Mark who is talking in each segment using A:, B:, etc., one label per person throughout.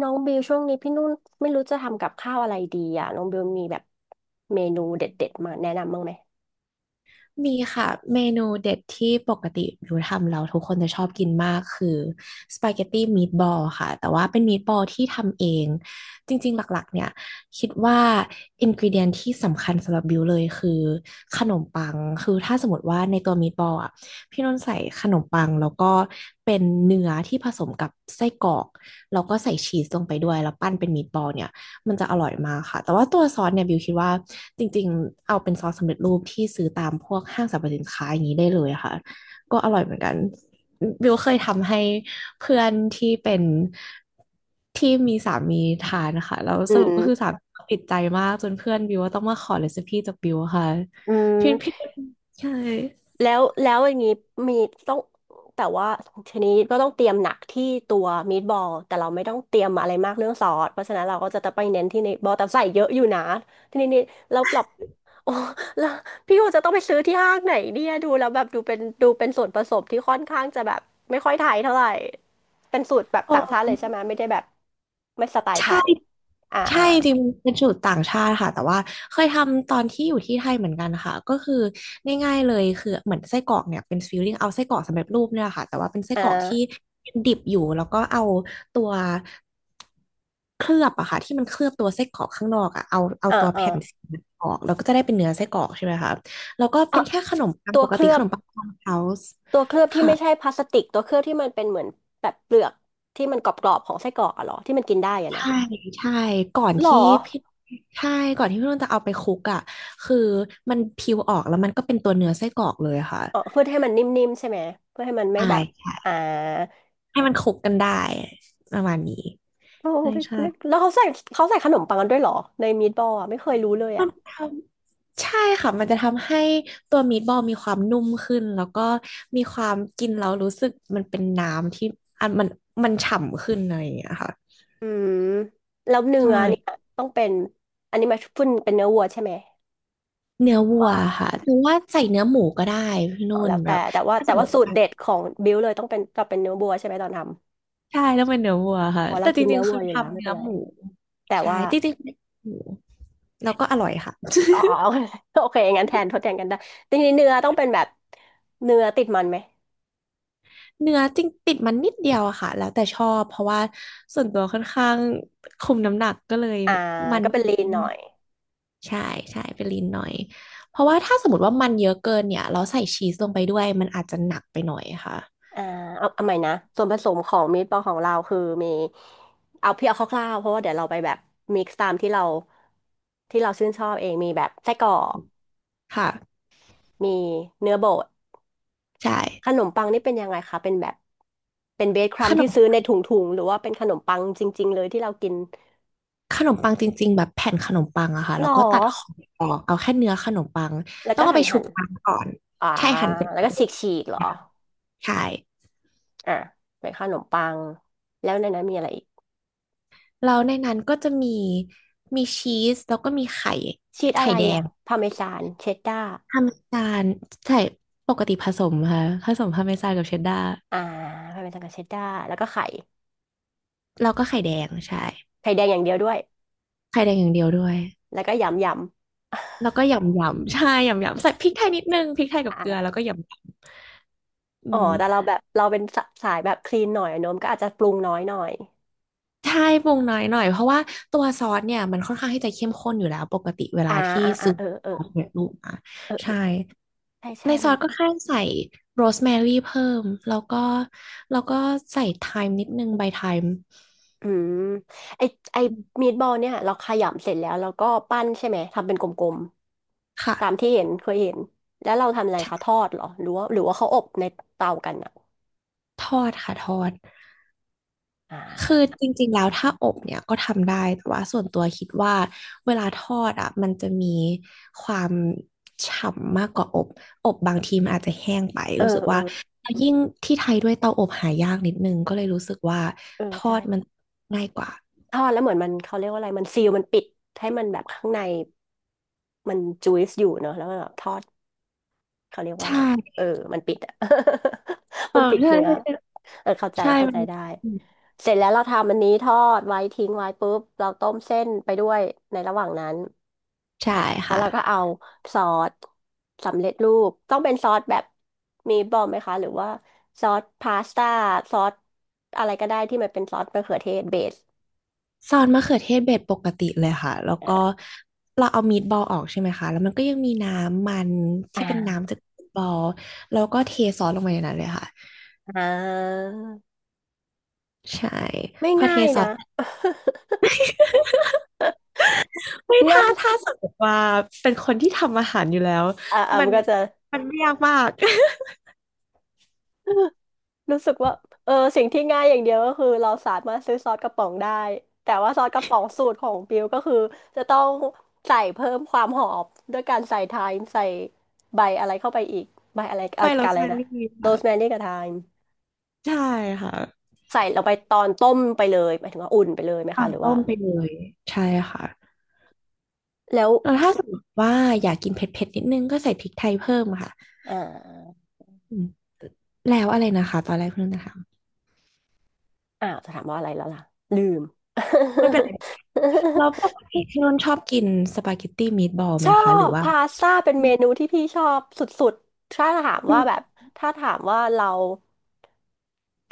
A: น้องบิวช่วงนี้พี่นุ่นไม่รู้จะทำกับข้าวอะไรดีอ่ะน้องบิวมีแบบเมนูเด็ดๆมาแนะนำบ้างไหม
B: มีค่ะเมนูเด็ดที่ปกติบิวทำเราทุกคนจะชอบกินมากคือสปาเกตตี้มีดบอลค่ะแต่ว่าเป็นมีดบอลที่ทำเองจริงๆหลักๆเนี่ยคิดว่าอินก e เดียนที่สำคัญสำหรับบิวเลยคือขนมปังคือถ้าสมมติว่าในตัวมีดบอลอ่ะพี่นนท์ใส่ขนมปังแล้วก็เป็นเนื้อที่ผสมกับไส้กรอกแล้วก็ใส่ชีสลงไปด้วยแล้วปั้นเป็นมีดบอลเนี่ย มันจะอร่อยมากค่ะ แต่ว่าตัวซอสเนี่ยบิวคิดว่าจริงๆเอาเป็นซอสสำเร็จรูปที่ซื้อตามพวกห้างสรรพสินค้าอย่างนี้ได้เลยค่ะก็อร่อยเหมือนกันบิวเคยทำให้เพื่อนที่เป็นที่มีสามีทานนะคะแล้วส
A: อื
B: รุป
A: ม
B: ก็คือสามีติดใจมากจนเพื่อนบิวว่าต้องมาขอเรซิปี้จากบิวค่ะ
A: อื
B: พี่พี่
A: ม
B: ใช่
A: แล้วอย่างนี้มีต้องแต่ว่าชนิดก็ต้องเตรียมหนักที่ตัวมีดบอลแต่เราไม่ต้องเตรียมอะไรมากเรื่องซอสเพราะฉะนั้นเราก็จะไปเน้นที่ในบอลแต่ใส่เยอะอยู่นะทีนี้นี่เราปรับโอ้แล้วพี่ว่าจะต้องไปซื้อที่ห้างไหนเนี่ยดูแล้วแบบดูเป็นส่วนผสมที่ค่อนข้างจะแบบไม่ค่อยไทยเท่าไหร่เป็นสูตรแบบ
B: โอ
A: ต่างชาติเล
B: ้
A: ยใช่ไหมไม่ได้แบบไม่สไตล์ไท
B: ใช่
A: ยอ่า
B: ใช่
A: อ่า
B: จริงๆเป็นสูตรต่างชาติค่ะแต่ว่าเคยทำตอนที่อยู่ที่ไทยเหมือนกันค่ะก็คือง่ายๆเลยคือเหมือนไส้กรอกเนี่ยเป็นฟิลลิ่งเอาไส้กรอกสำเร็จรูปเนี่ยแหละค่ะแต่ว่าเป็นไส้
A: อ่
B: กรอกที่
A: า
B: ดิบอยู่แล้วก็เอาตัวเคลือบอะค่ะที่มันเคลือบตัวไส้กรอกข้างนอกอะเอา
A: อ่า
B: ตัว
A: อ่า
B: แผ่นสีออกแล้วก็จะได้เป็นเนื้อไส้กรอกใช่ไหมคะแล้วก็เป็นแค่ขนมปัง
A: ตัว
B: ปก
A: เค
B: ติ
A: ลือ
B: ข
A: บ
B: นมปังฟาร์มเฮาส์
A: ตัวเคลือบที่
B: ค่ะ
A: ไม่ใช่พลาสติกตัวเคลือบที่มันเป็นเหมือนแบบเปลือกที่มันกรอบๆของไส้กรอกอะเหรอที่มันกินได้อะนะ
B: ใช่ใช่ก่อน
A: หรอ
B: ที่พี่ใช่ก่อนที่พี่นุ่นจะเอาไปคลุกอ่ะคือมันพิวออกแล้วมันก็เป็นตัวเนื้อไส้กรอกเลยอะค่ะ
A: อ๋อเพื่อให้มันนิ่มๆใช่ไหมเพื่อให้มันไม่
B: ใช่
A: แบบ
B: ใช่
A: อ่า
B: ให้มันคลุกกันได้ประมาณนี้
A: โอ้
B: ใช่
A: ไม่
B: ใช่
A: ไม่แล้วเขาใส่เขาใส่ขนมปังกันด้วยเหรอในมีดบอลอะไม่เคยรู้เลย
B: มั
A: อะ
B: นทำใช่ค่ะมันจะทำให้ตัวมีดบอลมีความนุ่มขึ้นแล้วก็มีความกินแล้วรู้สึกมันเป็นน้ำที่อันมันฉ่ำขึ้นอะไรอย่างเงี้ยค่ะ
A: อืมแล้วเนื้
B: ใช
A: อเนี่ย
B: ่
A: ต้องเป็นอันนี้มาฟถ้นเป็นเนื้อวัวใช่ไหม
B: เนื้อวัว
A: ว่า
B: ค่ะหรือว่าใส่เนื้อหมูก็ได้พี่
A: อ๋
B: นุ่
A: อ
B: น
A: แล้ว
B: แบ
A: แต่
B: บ
A: แต่ว่า
B: ถ้าส
A: แต่
B: มม
A: ว่า
B: ติ
A: สูตรเด็ดของบิวเลยต้องเป็นก็เป็นเนื้อวัวใช่ไหมตอนท
B: ใช่ต้องเป็นเนื้อวัวค่ะ
A: ำอ๋อเรา
B: แต่จ
A: กิน
B: ริ
A: เนื้
B: ง
A: อ
B: ๆ
A: วั
B: คื
A: ว
B: อ
A: อยู่แล้ว
B: ทำ
A: ไม่
B: เนื้
A: เป็
B: อ
A: นไร
B: หมู
A: แต่
B: ใช่
A: ว่า
B: จริงๆเป็นหมูแล้วก็อร่อยค่ะ
A: อ๋อ อ๋ อโอเคงั้นแทนทดแทนกันได้ทีนี้เนื้อต้องเป็นแบบเนื้อติดมันไหม
B: เนื้อจริงติดมันนิดเดียวอะค่ะแล้วแต่ชอบเพราะว่าส่วนตัวค่อนข้างคุมน้ำหนักก็เลย
A: อ่า
B: มัน
A: ก็เป็
B: ไม่
A: น
B: เย
A: ลี
B: อะ
A: นหน่
B: มา
A: อ
B: ก
A: ย
B: ใช่ใช่เป็นลีนหน่อยเพราะว่าถ้าสมมติว่ามันเยอะเกินเนี่ยเราใส่ชีสลงไปด้วยมันอาจจะหนักไปหน่อยค่ะ
A: อ่าเอาเอาใหม่นะส่วนผสมของมีทบอลของเราคือมีเอาเพียงเอาคร่าวๆเพราะว่าเดี๋ยวเราไปแบบมิกซ์ตามที่เราชื่นชอบเองมีแบบไส้กรอก
B: ค่ะ
A: มีเนื้อบด
B: ใช่
A: ขนมปังนี่เป็นยังไงคะเป็นแบบเป็นเบสครั
B: ข
A: ม
B: น
A: ที่ซื้อ
B: ม
A: ในถุงๆหรือว่าเป็นขนมปังจริงๆเลยที่เรากิน
B: ขนมปังจริงๆแบบแผ่นขนมปังอะค่ะ
A: หร
B: แล้
A: อ
B: วก็ตัดของออกเอาแค่เนื้อขนมปัง
A: แล้ว
B: ต้อ
A: ก็
B: งเอา
A: หั่
B: ไป
A: น
B: ชุ
A: หั่
B: บ
A: น
B: น้ำก่อน
A: อ่า
B: ใช่หั่นเป็น
A: แล้วก็ฉีกเหรอ
B: ใช่
A: อ่ะเป็นขนมปังแล้วในนั้นมีอะไรอีก
B: แล้วในนั้นก็จะมีมีชีสแล้วก็มีไข่
A: ชีสอะ
B: ไข่
A: ไร
B: แด
A: อ่ะ
B: ง
A: พาเมซานเชดดาร์
B: พาร์เมซานใช่ปกติผสมค่ะผสมพาร์เมซานกับเชดดาร์
A: อ่าพาเมซานกับเชดดาร์แล้วก็ไข่
B: แล้วก็ไข่แดงใช่
A: ไข่แดงอย่างเดียวด้วย
B: ไข่แดงอย่างเดียวด้วย
A: แล้วก็ยำยำ
B: แล้วก็ยำยำใช่ยำยำใส่พริกไทยนิดนึงพริกไทย กับเกลือ
A: อ่า
B: แล้วก็ยำยำอื
A: อ๋อ
B: ม
A: แต่เราแบบเราเป็นสะสายแบบคลีนหน่อยอะโนมก็อาจจะปรุงน้อยหน่อย
B: ใช่ปรุงน้อยหน่อยเพราะว่าตัวซอสเนี่ยมันค่อนข้างที่จะเข้มข้นอยู่แล้ว ปกติเว
A: อ่า
B: ลาที่
A: อ่าอ่า
B: ซื้อ
A: เออเออ
B: ซอสสำเร็จูกมา
A: เออเอ
B: ใช่
A: อใช่
B: ใน
A: ใช่
B: ซ
A: มั
B: อ
A: น
B: สก็แค่ใส่โรสแมรี่เพิ่ม แล้วก็ใส่ไทม์นิดนึงใบไทม์
A: อืมไอไอมีดบอลเนี่ยเราขยำเสร็จแล้วเราก็ปั้นใช่ไหมทำเป็นกลมๆตาม
B: ค่ะ
A: ที่เห็นเคยเห็นแล้วเราทำอะไรคะทอดเหรอหรือว่าเขาอบในเตากันอ่ะ
B: ทอดค่ะทอด
A: อ่
B: คือ
A: า
B: จริงๆแล้วถ้าอบเนี่ยก็ทำได้แต่ว่าส่วนตัวคิดว่าเวลาทอดอ่ะมันจะมีความฉ่ำมากกว่าอบอบบางทีมันอาจจะแห้งไป
A: เออ
B: รู้สึก
A: เออ
B: ว่าแล้วยิ่งที่ไทยด้วยเตาอบหายากนิดนึงก็เลยรู้สึกว่าทอดมัน
A: ใช่
B: ง่ายกว่า
A: ทอดแล้วเหมือนมันเขาเรียกว่าอะไรมันซีลมันปิดให้มันแบบข้างในมันจุยส์อยู่เนอะแล้วมันแบบทอดเขาเรียก
B: ใช
A: ว่าอะไรเอ
B: ่
A: อมันปิดอะ
B: เอ
A: มั
B: อ
A: นปิด
B: ใช่
A: เนื้อ
B: ใช่
A: เออเข้าใจ
B: ใช่
A: เข้า
B: มั
A: ใจ
B: น
A: ได้เสร็จแล้วเราทำอันนี้ทอดไว้ทิ้งไว้ปุ๊บเราต้มเส้นไปด้วยในระหว่างนั้น
B: ใช่
A: แล้ว
B: ค่ะ
A: เราก็เอาซอสสำเร็จรูปต้องเป็นซอสแบบมีบอมไหมคะหรือว่าซอสพาสต้าซอสอะไรก็ได้ที่มันเป็นซอสมะเขือเทศเบส
B: ซอสมะเขือเทศเบ็ดปกติเลยค่ะแล้วก็เราเอามีดบอลออกใช่ไหมคะแล้วมันก็ยังมีน้ำมัน
A: อ่
B: ที่เป็นน้ำ
A: า
B: จากมีทบอลแล้วก็เทซอสลงไปในนั้นเลยค่ะ
A: อ่า
B: ใช่
A: ไม่
B: พอเท
A: ง่าย
B: ซอ
A: นะ
B: สไม่
A: ง่า
B: ท้า
A: ย
B: ท้าสมมติว่าเป็นคนที่ทำอาหารอยู่แล้วมั
A: มั
B: น
A: นก็จะ
B: มันไม่ยากมาก
A: รู้สึกว่าเออสิ่งที่ง่ายอย่างเดียวก็คือเราสามารถซื้อซอสกระป๋องได้แต่ว่าซอสกระป๋องสูตรของบิวก็คือจะต้องใส่เพิ่มความหอมด้วยการใส่ไทม์ใส่ใบอะไรเข้าไปอีกใบอะไร
B: ใบ
A: อะ
B: โร
A: กัน
B: ส
A: อะไร
B: แม
A: นะ
B: รี่
A: โรสแม
B: ค่ะ
A: รี่กับไทม์
B: ใช่ค่ะ
A: ใส่ลงไปตอนต้มไปเลยหมายถึงว่าอุ่นไปเลยไหม
B: ตา
A: คะ
B: ม
A: หรือว่า
B: ต้มไปเลยใช่ค่ะ
A: แล้ว
B: แล้วถ้าสมมติว่าอยากกินเผ็ดๆนิดนึงก็ใส่พริกไทยเพิ่มค่ะ
A: อ่า
B: อืมแล้วอะไรนะคะตอนแรกเพื่อนนะคะ
A: อ้าวจะถามว่าอะไรแล้วล่ะลืม
B: ไม่เป็นไร แล้วป กติพี่นุ่นชอบกินสปาเกตตี้มีทบอล
A: ช
B: ไหม
A: อ
B: คะหรื
A: บ
B: อว่า
A: พาสต้าเป็นเมนูที่พี่ชอบสุดๆถ้าถาม
B: อื
A: ว่า
B: ม
A: แบบถ้าถามว่าเรา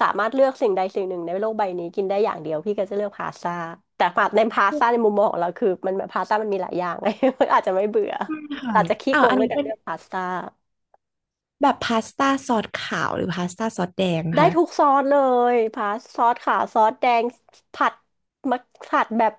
A: สามารถเลือกสิ่งใดสิ่งหนึ่งในโลกใบนี้กินได้อย่างเดียวพี่ก็จะเลือกพาสต้าแต่ฝาดในพาสต้าในมุมมองของเราคือมันพาสต้ามันมีหลายอย่างไง อาจจะไม่เบื่อ
B: ไม่ค่ะ
A: อาจจะขี้
B: อ้า
A: โก
B: ว
A: ง
B: อัน
A: ด้ว
B: นี้
A: ยการ
B: เป็น
A: เลือกพาสต้า
B: แบบพาสต้าซอสขาวหรือพาสต้าซอสแดง
A: ได้
B: คะ
A: ทุกซอสเลยพาสซอสขาวซอสแดงผัดมักผัดแบบ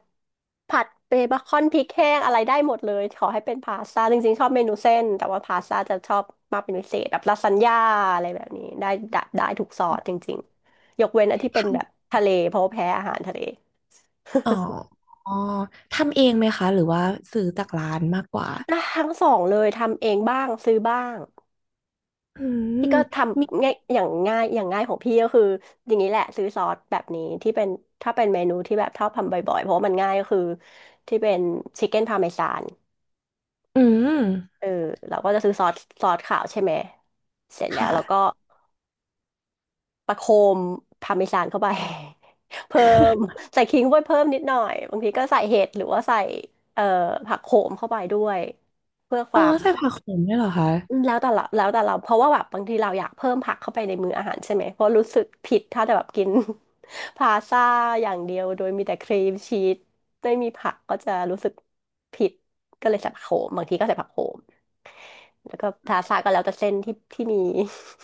A: ผัดเบคอนพริกแห้งอะไรได้หมดเลยขอให้เป็นพาสต้าจริงๆชอบเมนูเส้นแต่ว่าพาสต้าจะชอบมากเป็นพิเศษแบบลาซานญ่าอะไรแบบนี้ได้ทุกซอสจริงๆยกเว้นอันที่เป็นแบบทะเลเพราะว่าแพ้อาหารทะเล
B: อ๋ออ๋อทำเองไหมคะหรือว่าซื้อจากร้านมากกว่า
A: ได้ทั้งสองเลยทำเองบ้างซื้อบ้าง
B: อื
A: พี่
B: ม
A: ก็ท
B: มี
A: ำง่ายอย่างง่ายของพี่ก็คืออย่างนี้แหละซื้อซอสแบบนี้ที่เป็นถ้าเป็นเมนูที่แบบชอบทำบ่อยๆเพราะว่ามันง่ายก็คือที่เป็นชิคเก้นพาเมซาน
B: อืม
A: เออเราก็จะซื้อซอสขาวใช่ไหมเสร็จแล้วเราก็
B: ค่ะ
A: ประโคมพาเมซานเข้าไป เพิ่มใส่ขิงเข้าไปเพิ่มนิดหน่อยบางทีก็ใส่เห็ดหรือว่าใส่เอ่อผักโขมเข้าไปด้วยเพื่อค
B: อ๋อ
A: วาม
B: ใส่ผักโขมด้วยเหรอคะ
A: แล้วแต่เราเพราะว่าแบบบางทีเราอยากเพิ่มผักเข้าไปในมื้ออาหารใช่ไหมเพราะรู้สึกผิดถ้าแต่แบบกิน พาสต้าอย่างเดียวโดยมีแต่ครีมชีสไม่มีผักก็จะรู้สึกผิดก็เลยใส่ผักโขมบางทีก็ใส่ผักโขมแล้วก็พาสต้าก็แล้วแต่เส้นที่มี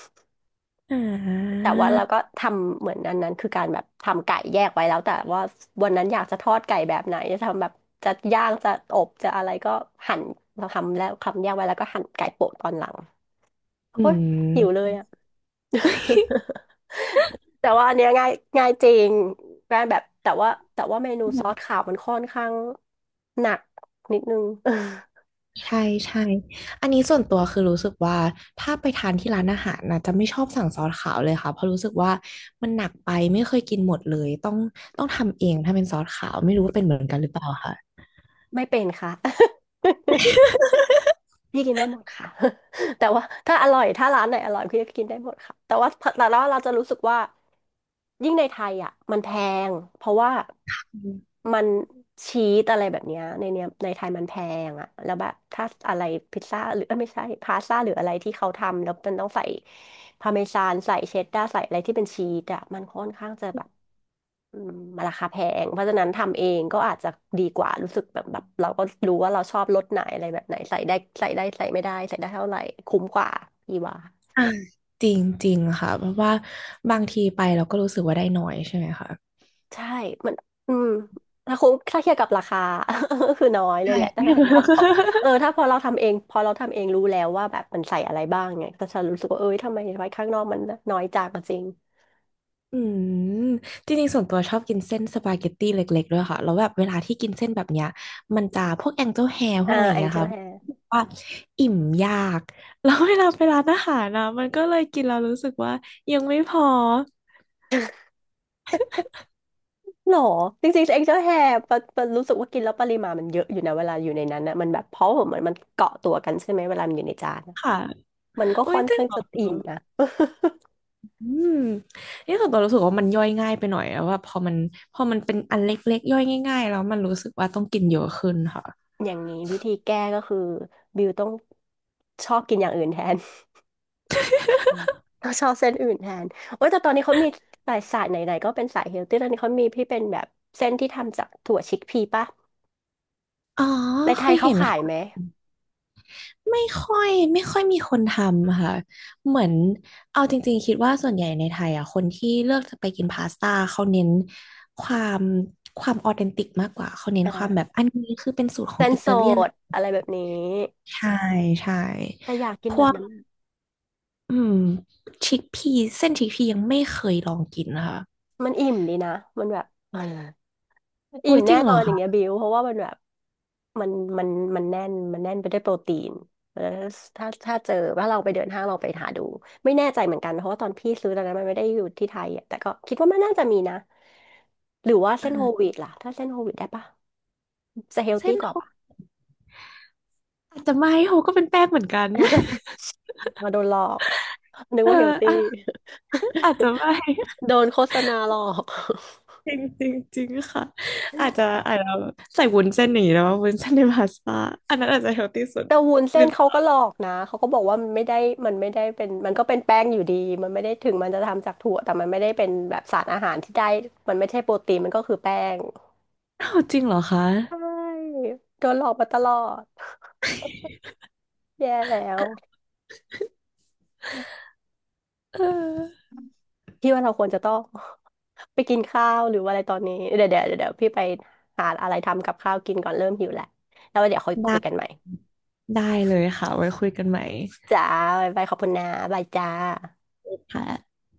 B: อ่า
A: แต่ว่าเราก็ทำเหมือนอันนั้นคือการแบบทำไก่แยกไว้แล้วแต่ว่าวันนั้นอยากจะทอดไก่แบบไหนจะทำแบบจะย่างจะอบจะอะไรก็หั่นเราทำแล้วทำแยกไว้แล้วก็หั่นไก่โปะตอนหลัง
B: อื
A: โอ๊ยหิวเล
B: ม
A: ยอะ แต่ว่าอันเนี้ยง่ายง่ายจริงง่ายแบบแต่ว่าเมนูซอสขาวมันค่อนข้างหนักนิดนึง
B: ใช่ใช่อันนี้ส่วนตัวคือรู้สึกว่าถ้าไปทานที่ร้านอาหารนะจะไม่ชอบสั่งซอสขาวเลยค่ะเพราะรู้สึกว่ามันหนักไปไม่เคยกินหมดเลยต้องทำเองถ้าเป็นซอสขาวไม่รู้ว่าเป็นเหมือนกันหรือเปล่าค่ะ
A: ไม่เป็นค่ะ พี่กินได้หมดค่ะ แต่ว่าถ้าอร่อยถ้าร้านไหนอร่อยพี่ก็กินได้หมดค่ะแต่ว่าเราจะรู้สึกว่ายิ่งในไทยอ่ะมันแพงเพราะว่า
B: อืม
A: มันชีสอะไรแบบเนี้ยในเนี้ยในไทยมันแพงอ่ะแล้วแบบถ้าอะไรพิซซ่าหรือเอ้ยไม่ใช่พาสต้าหรืออะไรที่เขาทำแล้วมันต้องใส่พาร์เมซานใส่เชดดาร์ใส่อะไรที่เป็นชีสอ่ะมันค่อนข้างจะแบบ อืมมันราคาแพงเพราะฉะนั้นทำเองก็อาจจะดีกว่ารู้สึกแบบเราก็รู้ว่าเราชอบรสไหนอะไรแบบไหนใส่ได้ใส่ไม่ได้ใส่ได้เท่าไหร่คุ้มกว่าพี่ว่า
B: อ่าจริงจริงค่ะเพราะว่าบางทีไปเราก็รู้สึกว่าได้น้อยใช่ไหมคะ
A: ใช่มันอืมถ้าคุ้มถ้าเทียบกับราคา ก็คือน้อยเลย
B: ใช่
A: แหละถ้า พอเออถ้าพอเราทำเองพอเราทำเองรู้แล้วว่าแบบมันใส่อะไรบ้างไงก็จะรู้สึกว่าเอ้ยทำไมไว้ข้างนอกมันน้อยจังจริง
B: อืมจริงๆส่วนตัวชอบกินเส้นสปาเกตตี้เล็กๆด้วยค่ะแล้วแบบเวลาที่กินเส้นแบบเนี้ยมันจะพวกแองเจิลแฮร์พว
A: อ่า
B: กอะไรอย่า
A: แอ
B: ง
A: ง
B: เงี้ย
A: เจิล
B: ค่ะ
A: แฮ
B: ว่าอิ่มยาก แล้วเวลาไปร้านอาหารนะมันก็เลยกินแล้วรู้สึกว่ายังไม่พอ
A: หรอจริงๆเอ็กซ์ตร้าแฮร์ปะรู้สึกว่ากินแล้วปริมาณมันเยอะอยู่นะเวลาอยู่ในนั้นนะมันแบบเพราะว่าเหมือนมันเกาะตัวกันใช่ไหมเวลามันอยู่ในจานน่ะ
B: ค่ะ
A: มันก็
B: โอ้ย
A: ค่อน
B: จริง
A: ข้าง
B: เหรอ
A: จะอิ่มนะ
B: อืมนี่ส่วนตัวรู้สึกว่ามันย่อยง่ายไปหน่อยอะว่าพอมันเป็นอันเล็กๆย่อยง่ายๆแล้วมันรู้สึกว่าต้องกินเยอะขึ้นค่ะ
A: อย่างนี้วิธีแก้ก็คือบิวต้องชอบกินอย่างอื่นแทน ต้องชอบเส้นอื่นแทนโอ้ยแต่ตอนนี้เขามีสายสายไหนๆก็เป็นสายเฮลตี้ตอนนี้เขามีที่เป็นแบบเส้นที่ทำจากถั่วชิคพีป่ะ
B: อ๋อ
A: ในไท
B: เค
A: ย
B: ย
A: เขา
B: เห็น
A: ขายไหม
B: ค่ะ ไม่ค่อยมีคนทำค่ะเหมือนเอาจริงๆคิดว่าส่วนใหญ่ในไทยอ่ะคนที่เลือกจะไปกินพาสต้าเขาเน้นความความออเทนติกมากกว่าเขาเน้น
A: อ่
B: ความแบ
A: า
B: บอันนี้คือเป็นสูตรขอ
A: เส้
B: ง
A: น
B: อิ
A: ส
B: ตาเลียน
A: ดอะไรแบบนี้
B: ใช่ใช่
A: แต่อยากกินแบบนั้น
B: อืมชิคพีเส้นชิคพียังไม่เคยลองกินนะคะ
A: มันอิ่มดีนะ มันแบบเอออิ่
B: โอ้
A: ม
B: ยจ
A: แน่
B: ริงเห
A: น
B: ร
A: อ
B: อ
A: นอย่าง
B: คะ
A: เงี้ยบิวเพราะว่ามันแบบมันมันมันแน่นมันแน่นไปด้วยโปรตีนแล้วถ้าเจอว่าเราไปเดินห้างเราไปหาดูไม่แน่ใจเหมือนกันเพราะว่าตอนพี่ซื้อตอนนั้นมันไม่ได้อยู่ที่ไทยอ่ะแต่ก็คิดว่ามันน่าจะมีนะหรือว่าเส้นโฮล
B: อ่า
A: วีตล่ะถ้าเส้นโฮลวีตได้ปะจะเฮล
B: เส้
A: ตี้
B: น
A: ก
B: โฮ
A: ว่าปะ
B: อาจจะไม่โฮก็เป็นแป้งเหมือนกัน
A: มาโดนหลอก นึก
B: เออ
A: ว่าเฮลตี้
B: อ่ะ อาจจะไม่
A: โดนโฆษณาหลอก
B: จริงจริงจริงค่ะอาจจะใส่วุ้นเส้นอย่างนี้แล้วว่าวุ้นเส้นในพาสต้าอันนั้นอาจจะเฮลตี้สุด
A: แต่วุ้น
B: ห
A: เส้
B: รือ
A: นเขาก็หลอกนะเขาก็บอกว่ามันไม่ได้มันไม่ได้เป็นมันก็เป็นแป้งอยู่ดีมันไม่ได้ถึงมันจะทำจากถั่วแต่มันไม่ได้เป็นแบบสารอาหารที่ได้มันไม่ใช่โปรตีนมันก็คือแป้ง
B: อ้าวจริงเหรอคะ
A: ใช่โดนหลอกมาตลอดแย่แล้ว
B: เออ
A: พี่ว่าเราควรจะต้อง ไปกินข้าวหรือว่าอะไรตอนนี้เดี๋ยวพี่ไปหาอะไรทำกับข้าวกินก่อนเริ่มหิวแหละแล้วเดี๋ยวค่อยคุ
B: ได้
A: ยกันใหม่
B: ได้เลยค่ะไว้คุยกันใหม่
A: จ้าบายบายขอบคุณนะบายจ้า
B: ค่ะ